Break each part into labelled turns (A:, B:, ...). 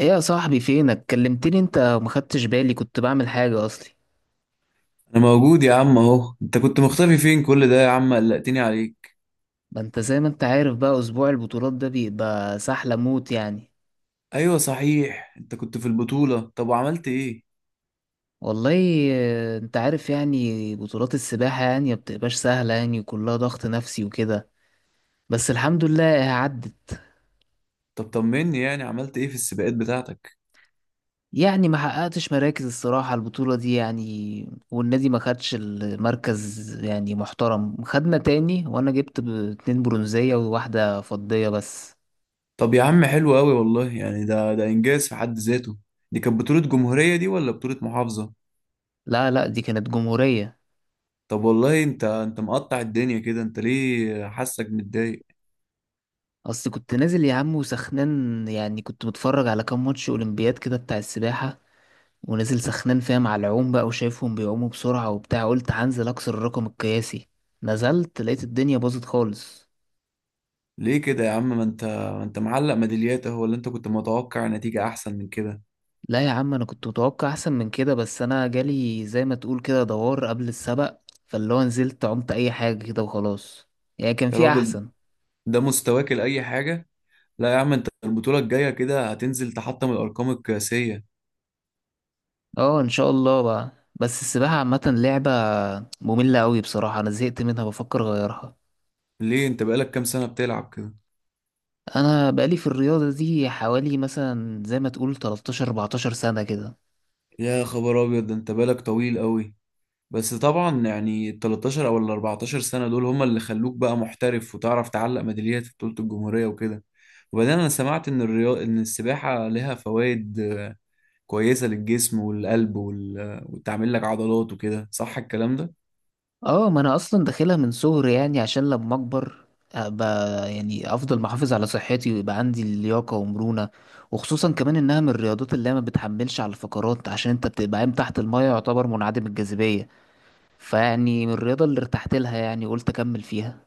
A: ايه يا صاحبي؟ فينك كلمتني انت وما خدتش بالي، كنت بعمل حاجة اصلي.
B: انا موجود يا عم اهو. انت كنت مختفي فين كل ده يا عم؟ قلقتني عليك.
A: ما انت زي ما انت عارف بقى، اسبوع البطولات ده بيبقى سحلة موت يعني.
B: ايوه صحيح، انت كنت في البطولة، طب وعملت ايه؟
A: والله انت عارف يعني بطولات السباحة يعني ما بتبقاش سهلة يعني، وكلها ضغط نفسي وكده. بس الحمد لله عدت.
B: طب طمني يعني عملت ايه في السباقات بتاعتك؟
A: يعني ما حققتش مراكز الصراحة البطولة دي، يعني والنادي ما خدش المركز يعني محترم، خدنا تاني، وانا جبت اتنين برونزية وواحدة فضية بس.
B: طب يا عم حلو قوي والله، يعني ده انجاز في حد ذاته. دي كانت بطولة جمهورية دي ولا بطولة محافظة؟
A: لا لا دي كانت جمهورية.
B: طب والله انت مقطع الدنيا كده، انت ليه حاسك متضايق؟
A: اصل كنت نازل يا عم وسخنان، يعني كنت متفرج على كام ماتش اولمبياد كده بتاع السباحة، ونازل سخنان فيها مع العوم بقى، وشايفهم بيعوموا بسرعة وبتاع، قلت هنزل اكسر الرقم القياسي. نزلت لقيت الدنيا باظت خالص.
B: ليه كده يا عم؟ ما انت معلق ميداليات اهو، ولا انت كنت متوقع نتيجة احسن من كده؟
A: لا يا عم انا كنت متوقع احسن من كده، بس انا جالي زي ما تقول كده دوار قبل السبق، فاللي هو نزلت عمت اي حاجة كده وخلاص. يعني كان
B: يا
A: في
B: راجل،
A: احسن.
B: ده مستواك لأي حاجة. لا يا عم، انت البطولة الجاية كده هتنزل تحطم الأرقام القياسية.
A: اه ان شاء الله بقى. بس السباحة عامة لعبة مملة قوي بصراحة، انا زهقت منها بفكر اغيرها.
B: ليه انت بقالك كام سنة بتلعب كده؟
A: انا بقالي في الرياضه دي حوالي مثلا زي ما تقول 13 14 سنه كده.
B: يا خبر أبيض، ده انت بقالك طويل قوي. بس طبعا يعني ال 13 أو ال 14 سنة دول هما اللي خلوك بقى محترف وتعرف تعلق ميداليات في بطولة الجمهورية وكده. وبعدين أنا سمعت إن الرياض، إن السباحة لها فوائد كويسة للجسم والقلب وال... آه، وتعمل لك عضلات وكده، صح الكلام ده؟
A: اه ما انا اصلا داخلها من صغري، يعني عشان لما اكبر ابقى يعني افضل محافظ على صحتي، ويبقى عندي لياقه ومرونه. وخصوصا كمان انها من الرياضات اللي هي ما بتحملش على الفقرات، عشان انت بتبقى قايم تحت المايه يعتبر منعدم الجاذبيه. فيعني من الرياضه اللي ارتحت لها، يعني قلت اكمل فيها.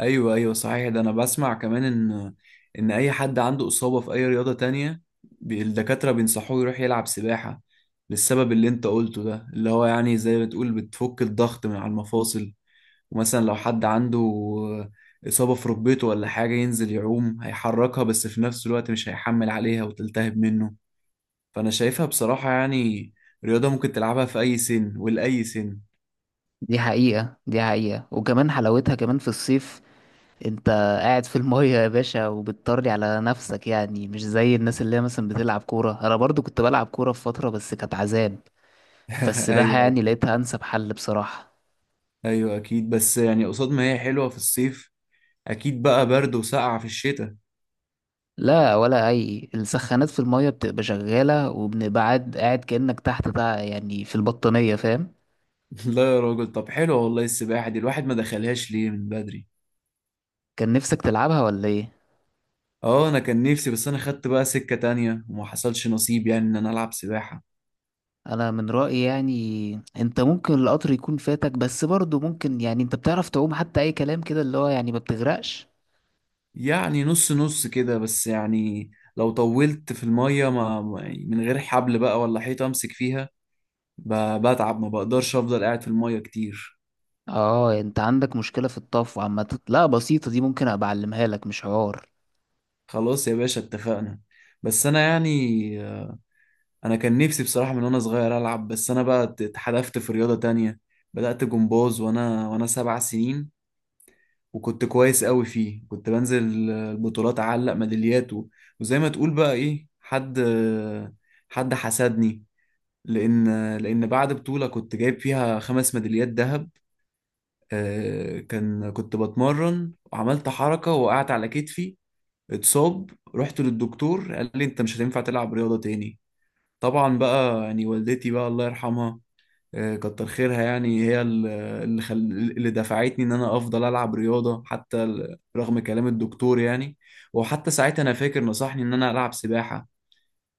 B: ايوه ايوه صحيح، ده انا بسمع كمان ان ان اي حد عنده اصابه في اي رياضه تانية الدكاتره بينصحوه يروح يلعب سباحه، للسبب اللي انت قلته ده، اللي هو يعني زي ما تقول بتفك الضغط من على المفاصل. ومثلا لو حد عنده اصابه في ركبته ولا حاجه، ينزل يعوم هيحركها بس في نفس الوقت مش هيحمل عليها وتلتهب منه. فانا شايفها بصراحه يعني رياضه ممكن تلعبها في اي سن ولاي سن.
A: دي حقيقه دي حقيقه، وكمان حلاوتها كمان في الصيف. انت قاعد في المية يا باشا وبتطري على نفسك، يعني مش زي الناس اللي هي مثلا بتلعب كورة. انا برضو كنت بلعب كورة في فترة بس كانت عذاب. فالسباحة
B: ايوه
A: يعني لقيتها انسب حل بصراحة.
B: ايوه اكيد، بس يعني قصاد ما هي حلوه في الصيف، اكيد بقى برد وسقعة في الشتاء.
A: لا، ولا اي، السخانات في المية بتبقى شغالة، وبنبعد قاعد كأنك تحت بقى يعني في البطانية، فاهم؟
B: لا يا راجل، طب حلو والله، السباحة دي الواحد ما دخلهاش ليه من بدري؟
A: كان نفسك تلعبها ولا ايه؟
B: اه انا كان نفسي، بس انا خدت بقى سكة تانية وما حصلش نصيب يعني ان انا العب سباحة.
A: انا من رأيي يعني انت ممكن القطر يكون فاتك، بس برضو ممكن يعني انت بتعرف تعوم حتى اي كلام كده، اللي هو يعني ما بتغرقش.
B: يعني نص نص كده، بس يعني لو طولت في المية من غير حبل بقى ولا حيطة امسك فيها، بتعب، ما بقدرش افضل قاعد في المية كتير.
A: اه انت عندك مشكلة في الطفو عامة، لا بسيطة دي ممكن ابقى اعلمها لك مش حوار.
B: خلاص يا باشا اتفقنا. بس انا يعني انا كان نفسي بصراحة من وانا صغير العب، بس انا بقى اتحدفت في رياضة تانية. بدأت جمباز وانا سبع سنين، وكنت كويس قوي فيه، كنت بنزل البطولات اعلق ميداليات وزي ما تقول بقى ايه، حد حسدني، لان لان بعد بطولة كنت جايب فيها خمس ميداليات ذهب، كنت بتمرن وعملت حركة وقعت على كتفي، اتصاب. رحت للدكتور قال لي انت مش هتنفع تلعب رياضة تاني. طبعا بقى يعني والدتي بقى الله يرحمها، كتر خيرها، يعني هي اللي خل... اللي دفعتني ان انا افضل العب رياضه، حتى رغم كلام الدكتور يعني. وحتى ساعتها انا فاكر نصحني ان انا العب سباحه،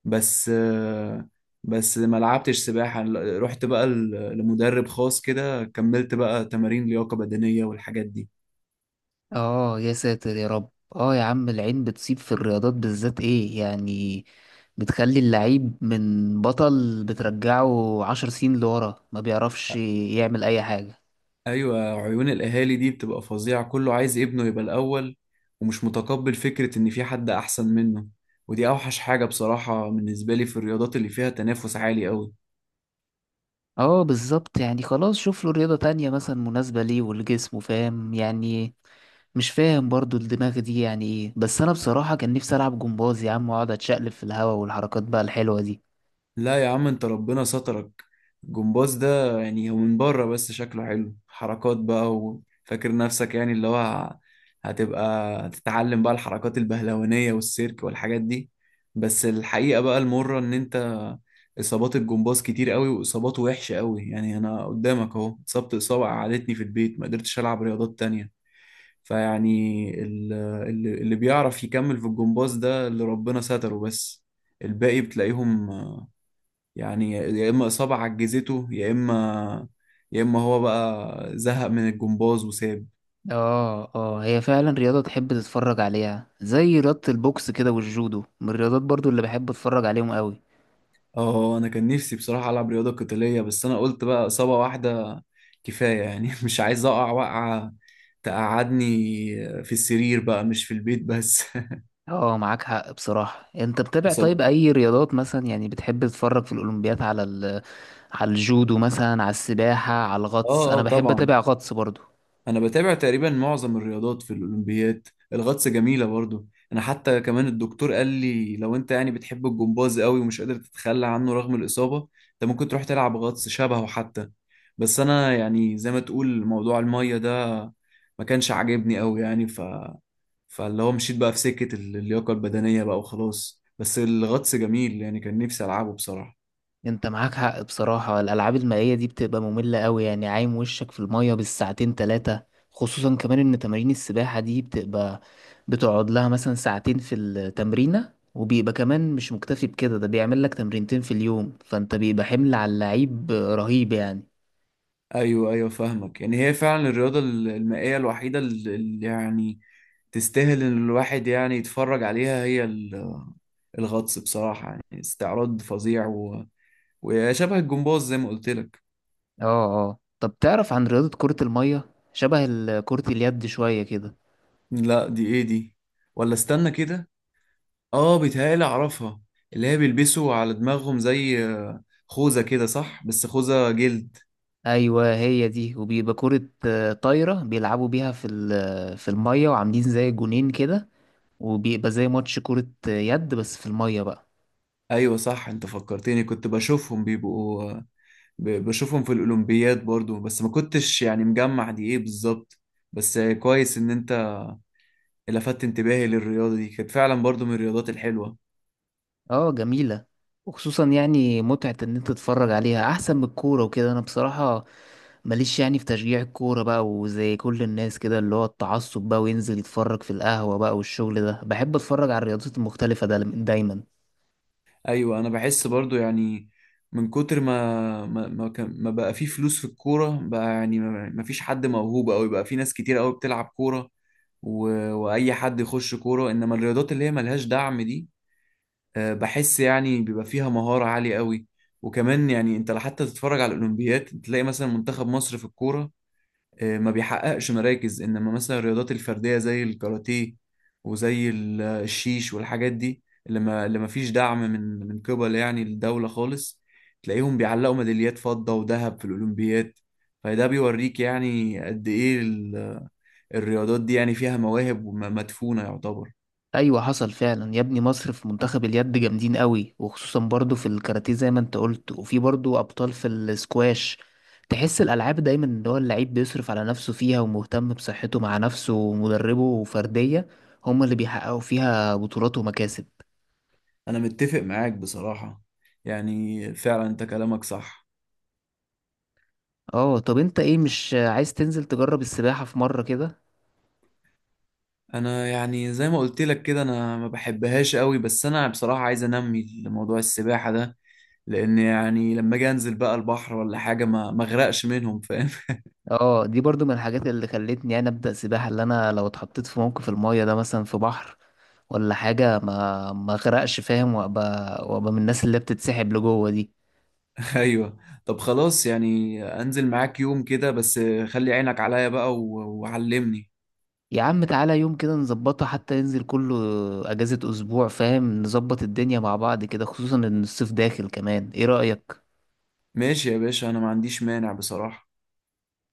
B: بس بس ما لعبتش سباحه، رحت بقى لمدرب خاص كده، كملت بقى تمارين لياقه بدنيه والحاجات دي.
A: اه يا ساتر يا رب. اه يا عم العين بتصيب في الرياضات بالذات، ايه يعني، بتخلي اللعيب من بطل بترجعه عشر سنين لورا، ما بيعرفش يعمل اي حاجة.
B: ايوه، عيون الاهالي دي بتبقى فظيعه، كله عايز ابنه يبقى الاول ومش متقبل فكره ان في حد احسن منه. ودي اوحش حاجه بصراحه بالنسبه لي في الرياضات اللي فيها تنافس عالي قوي.
A: اه بالظبط، يعني خلاص شوف له رياضة تانية مثلا مناسبة ليه ولجسمه، فاهم يعني؟ مش فاهم برضو الدماغ دي يعني ايه، بس انا بصراحة كان نفسي العب جمباز يا عم، واقعد اتشقلب في الهوا والحركات بقى الحلوة دي.
B: لا يا عم، انت ربنا سترك. الجمباز ده يعني هو من بره بس شكله حلو، حركات بقى وفاكر نفسك يعني اللي هو هتبقى تتعلم بقى الحركات البهلوانية والسيرك والحاجات دي. بس الحقيقة بقى المرة ان انت اصابات الجمباز كتير قوي، واصاباته وحشة قوي، يعني انا قدامك اهو، اتصبت اصابة قعدتني في البيت ما قدرتش العب رياضات تانية. فيعني اللي بيعرف يكمل في الجمباز ده اللي ربنا ستره بس. الباقي بتلاقيهم يعني يا اما اصابه عجزته، يا اما، يا اما هو بقى زهق من الجمباز وساب.
A: اه اه، هي فعلا رياضة تحب تتفرج عليها، زي رياضة البوكس كده والجودو من الرياضات برضو اللي بحب اتفرج عليهم قوي.
B: اه انا كان نفسي بصراحه العب رياضه قتاليه، بس انا قلت بقى اصابه واحده كفايه يعني مش عايز اقع وقعه تقعدني في السرير بقى مش في البيت بس.
A: اه معاك حق بصراحة. انت بتابع طيب
B: إصابة-
A: اي رياضات مثلا يعني بتحب تتفرج في الاولمبياد على على الجودو مثلا، على السباحة، على
B: اه
A: الغطس،
B: اه
A: انا بحب
B: طبعا،
A: اتابع غطس برضو.
B: انا بتابع تقريبا معظم الرياضات في الاولمبياد، الغطس جميله برضو. انا حتى كمان الدكتور قال لي لو انت يعني بتحب الجمباز قوي ومش قادر تتخلى عنه رغم الاصابه، انت ممكن تروح تلعب غطس شبهه حتى. بس انا يعني زي ما تقول موضوع الميه ده ما كانش عاجبني قوي يعني، فاللي هو مشيت بقى في سكه اللياقه البدنيه بقى وخلاص. بس الغطس جميل، يعني كان نفسي العبه بصراحه.
A: انت معاك حق بصراحة، الألعاب المائية دي بتبقى مملة قوي، يعني عايم وشك في المية بالساعتين تلاتة. خصوصا كمان ان تمارين السباحة دي بتبقى، بتقعد لها مثلا ساعتين في التمرينة، وبيبقى كمان مش مكتفي بكده، ده بيعمل لك تمرينتين في اليوم، فانت بيبقى حمل على اللعيب رهيب يعني.
B: ايوه ايوه فاهمك، يعني هي فعلا الرياضه المائيه الوحيده اللي يعني تستاهل ان الواحد يعني يتفرج عليها، هي الغطس بصراحه يعني استعراض فظيع و وشبه الجمباز زي ما قلت لك.
A: اه اه، طب تعرف عن رياضة كرة المية؟ شبه كرة اليد شوية كده.
B: لا دي ايه دي؟ ولا استنى كده، اه بيتهيألي اعرفها، اللي هي بيلبسوا على دماغهم زي خوذه كده صح، بس خوذه جلد.
A: ايوه هي دي، وبيبقى كرة طايرة بيلعبوا بيها في في المية، وعاملين زي جونين كده، وبيبقى زي ماتش كرة يد بس في المية بقى.
B: ايوه صح، انت فكرتني، كنت بشوفهم بيبقوا، بشوفهم في الأولمبياد برضو بس ما كنتش يعني مجمع دي ايه بالظبط. بس كويس ان انت لفتت انتباهي للرياضة دي، كانت فعلا برضو من الرياضات الحلوة.
A: اه جميلة، وخصوصا يعني متعة ان انت تتفرج عليها احسن من الكورة وكده. انا بصراحة ماليش يعني في تشجيع الكورة بقى، وزي كل الناس كده اللي هو التعصب بقى وينزل يتفرج في القهوة بقى والشغل ده، بحب اتفرج على الرياضات المختلفة ده دايما.
B: ايوه انا بحس برضو يعني من كتر ما كان ما بقى في فلوس في الكورة بقى، يعني ما فيش حد موهوب أوي بقى، في ناس كتير أوي بتلعب كورة و وأي حد يخش كورة. إنما الرياضات اللي هي ملهاش دعم دي، بحس يعني بيبقى فيها مهارة عالية أوي. وكمان يعني أنت حتى تتفرج على الأولمبياد تلاقي مثلا منتخب مصر في الكورة، ما بيحققش مراكز، انما مثلا الرياضات الفرديه زي الكاراتيه وزي الشيش والحاجات دي، اللي ما فيش دعم من قبل يعني الدوله خالص، تلاقيهم بيعلقوا ميداليات فضه وذهب في الاولمبياد. فده بيوريك يعني قد ايه الرياضات دي يعني فيها مواهب وم- مدفونه يعتبر.
A: ايوه حصل فعلا يا ابني، مصر في منتخب اليد جامدين قوي، وخصوصا برضو في الكاراتيه زي ما انت قلت، وفي برضو ابطال في السكواش. تحس الالعاب دايما ان هو اللعيب بيصرف على نفسه فيها، ومهتم بصحته مع نفسه ومدربه وفرديه، هما اللي بيحققوا فيها بطولات ومكاسب.
B: انا متفق معاك بصراحه، يعني فعلا انت كلامك صح.
A: اه طب انت ايه، مش عايز تنزل تجرب السباحه في مره كده؟
B: انا يعني زي ما قلت لك كده انا ما بحبهاش قوي، بس انا بصراحه عايز انمي موضوع السباحه ده، لان يعني لما اجي انزل بقى البحر ولا حاجه ما اغرقش منهم، فاهم.
A: اه دي برضو من الحاجات اللي خلتني انا ابدا سباحه، اللي انا لو اتحطيت في موقف المايه ده مثلا في بحر ولا حاجة ما غرقش، فاهم؟ وابقى وابقى من الناس اللي بتتسحب لجوه دي.
B: ايوه، طب خلاص يعني انزل معاك يوم كده بس، خلي عينك عليا بقى وعلمني.
A: يا عم تعالى يوم كده نظبطه حتى ينزل كله، اجازة اسبوع فاهم، نظبط الدنيا مع بعض كده، خصوصا ان الصيف داخل كمان، ايه رأيك؟
B: ماشي يا باشا، انا ما عنديش مانع بصراحه.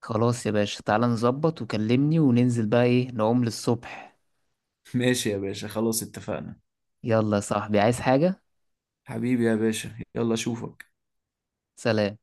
A: خلاص يا باشا، تعالى نظبط وكلمني وننزل بقى ايه نعوم للصبح.
B: ماشي يا باشا خلاص اتفقنا.
A: يلا يا صاحبي، عايز حاجة؟
B: حبيبي يا باشا، يلا اشوفك.
A: سلام.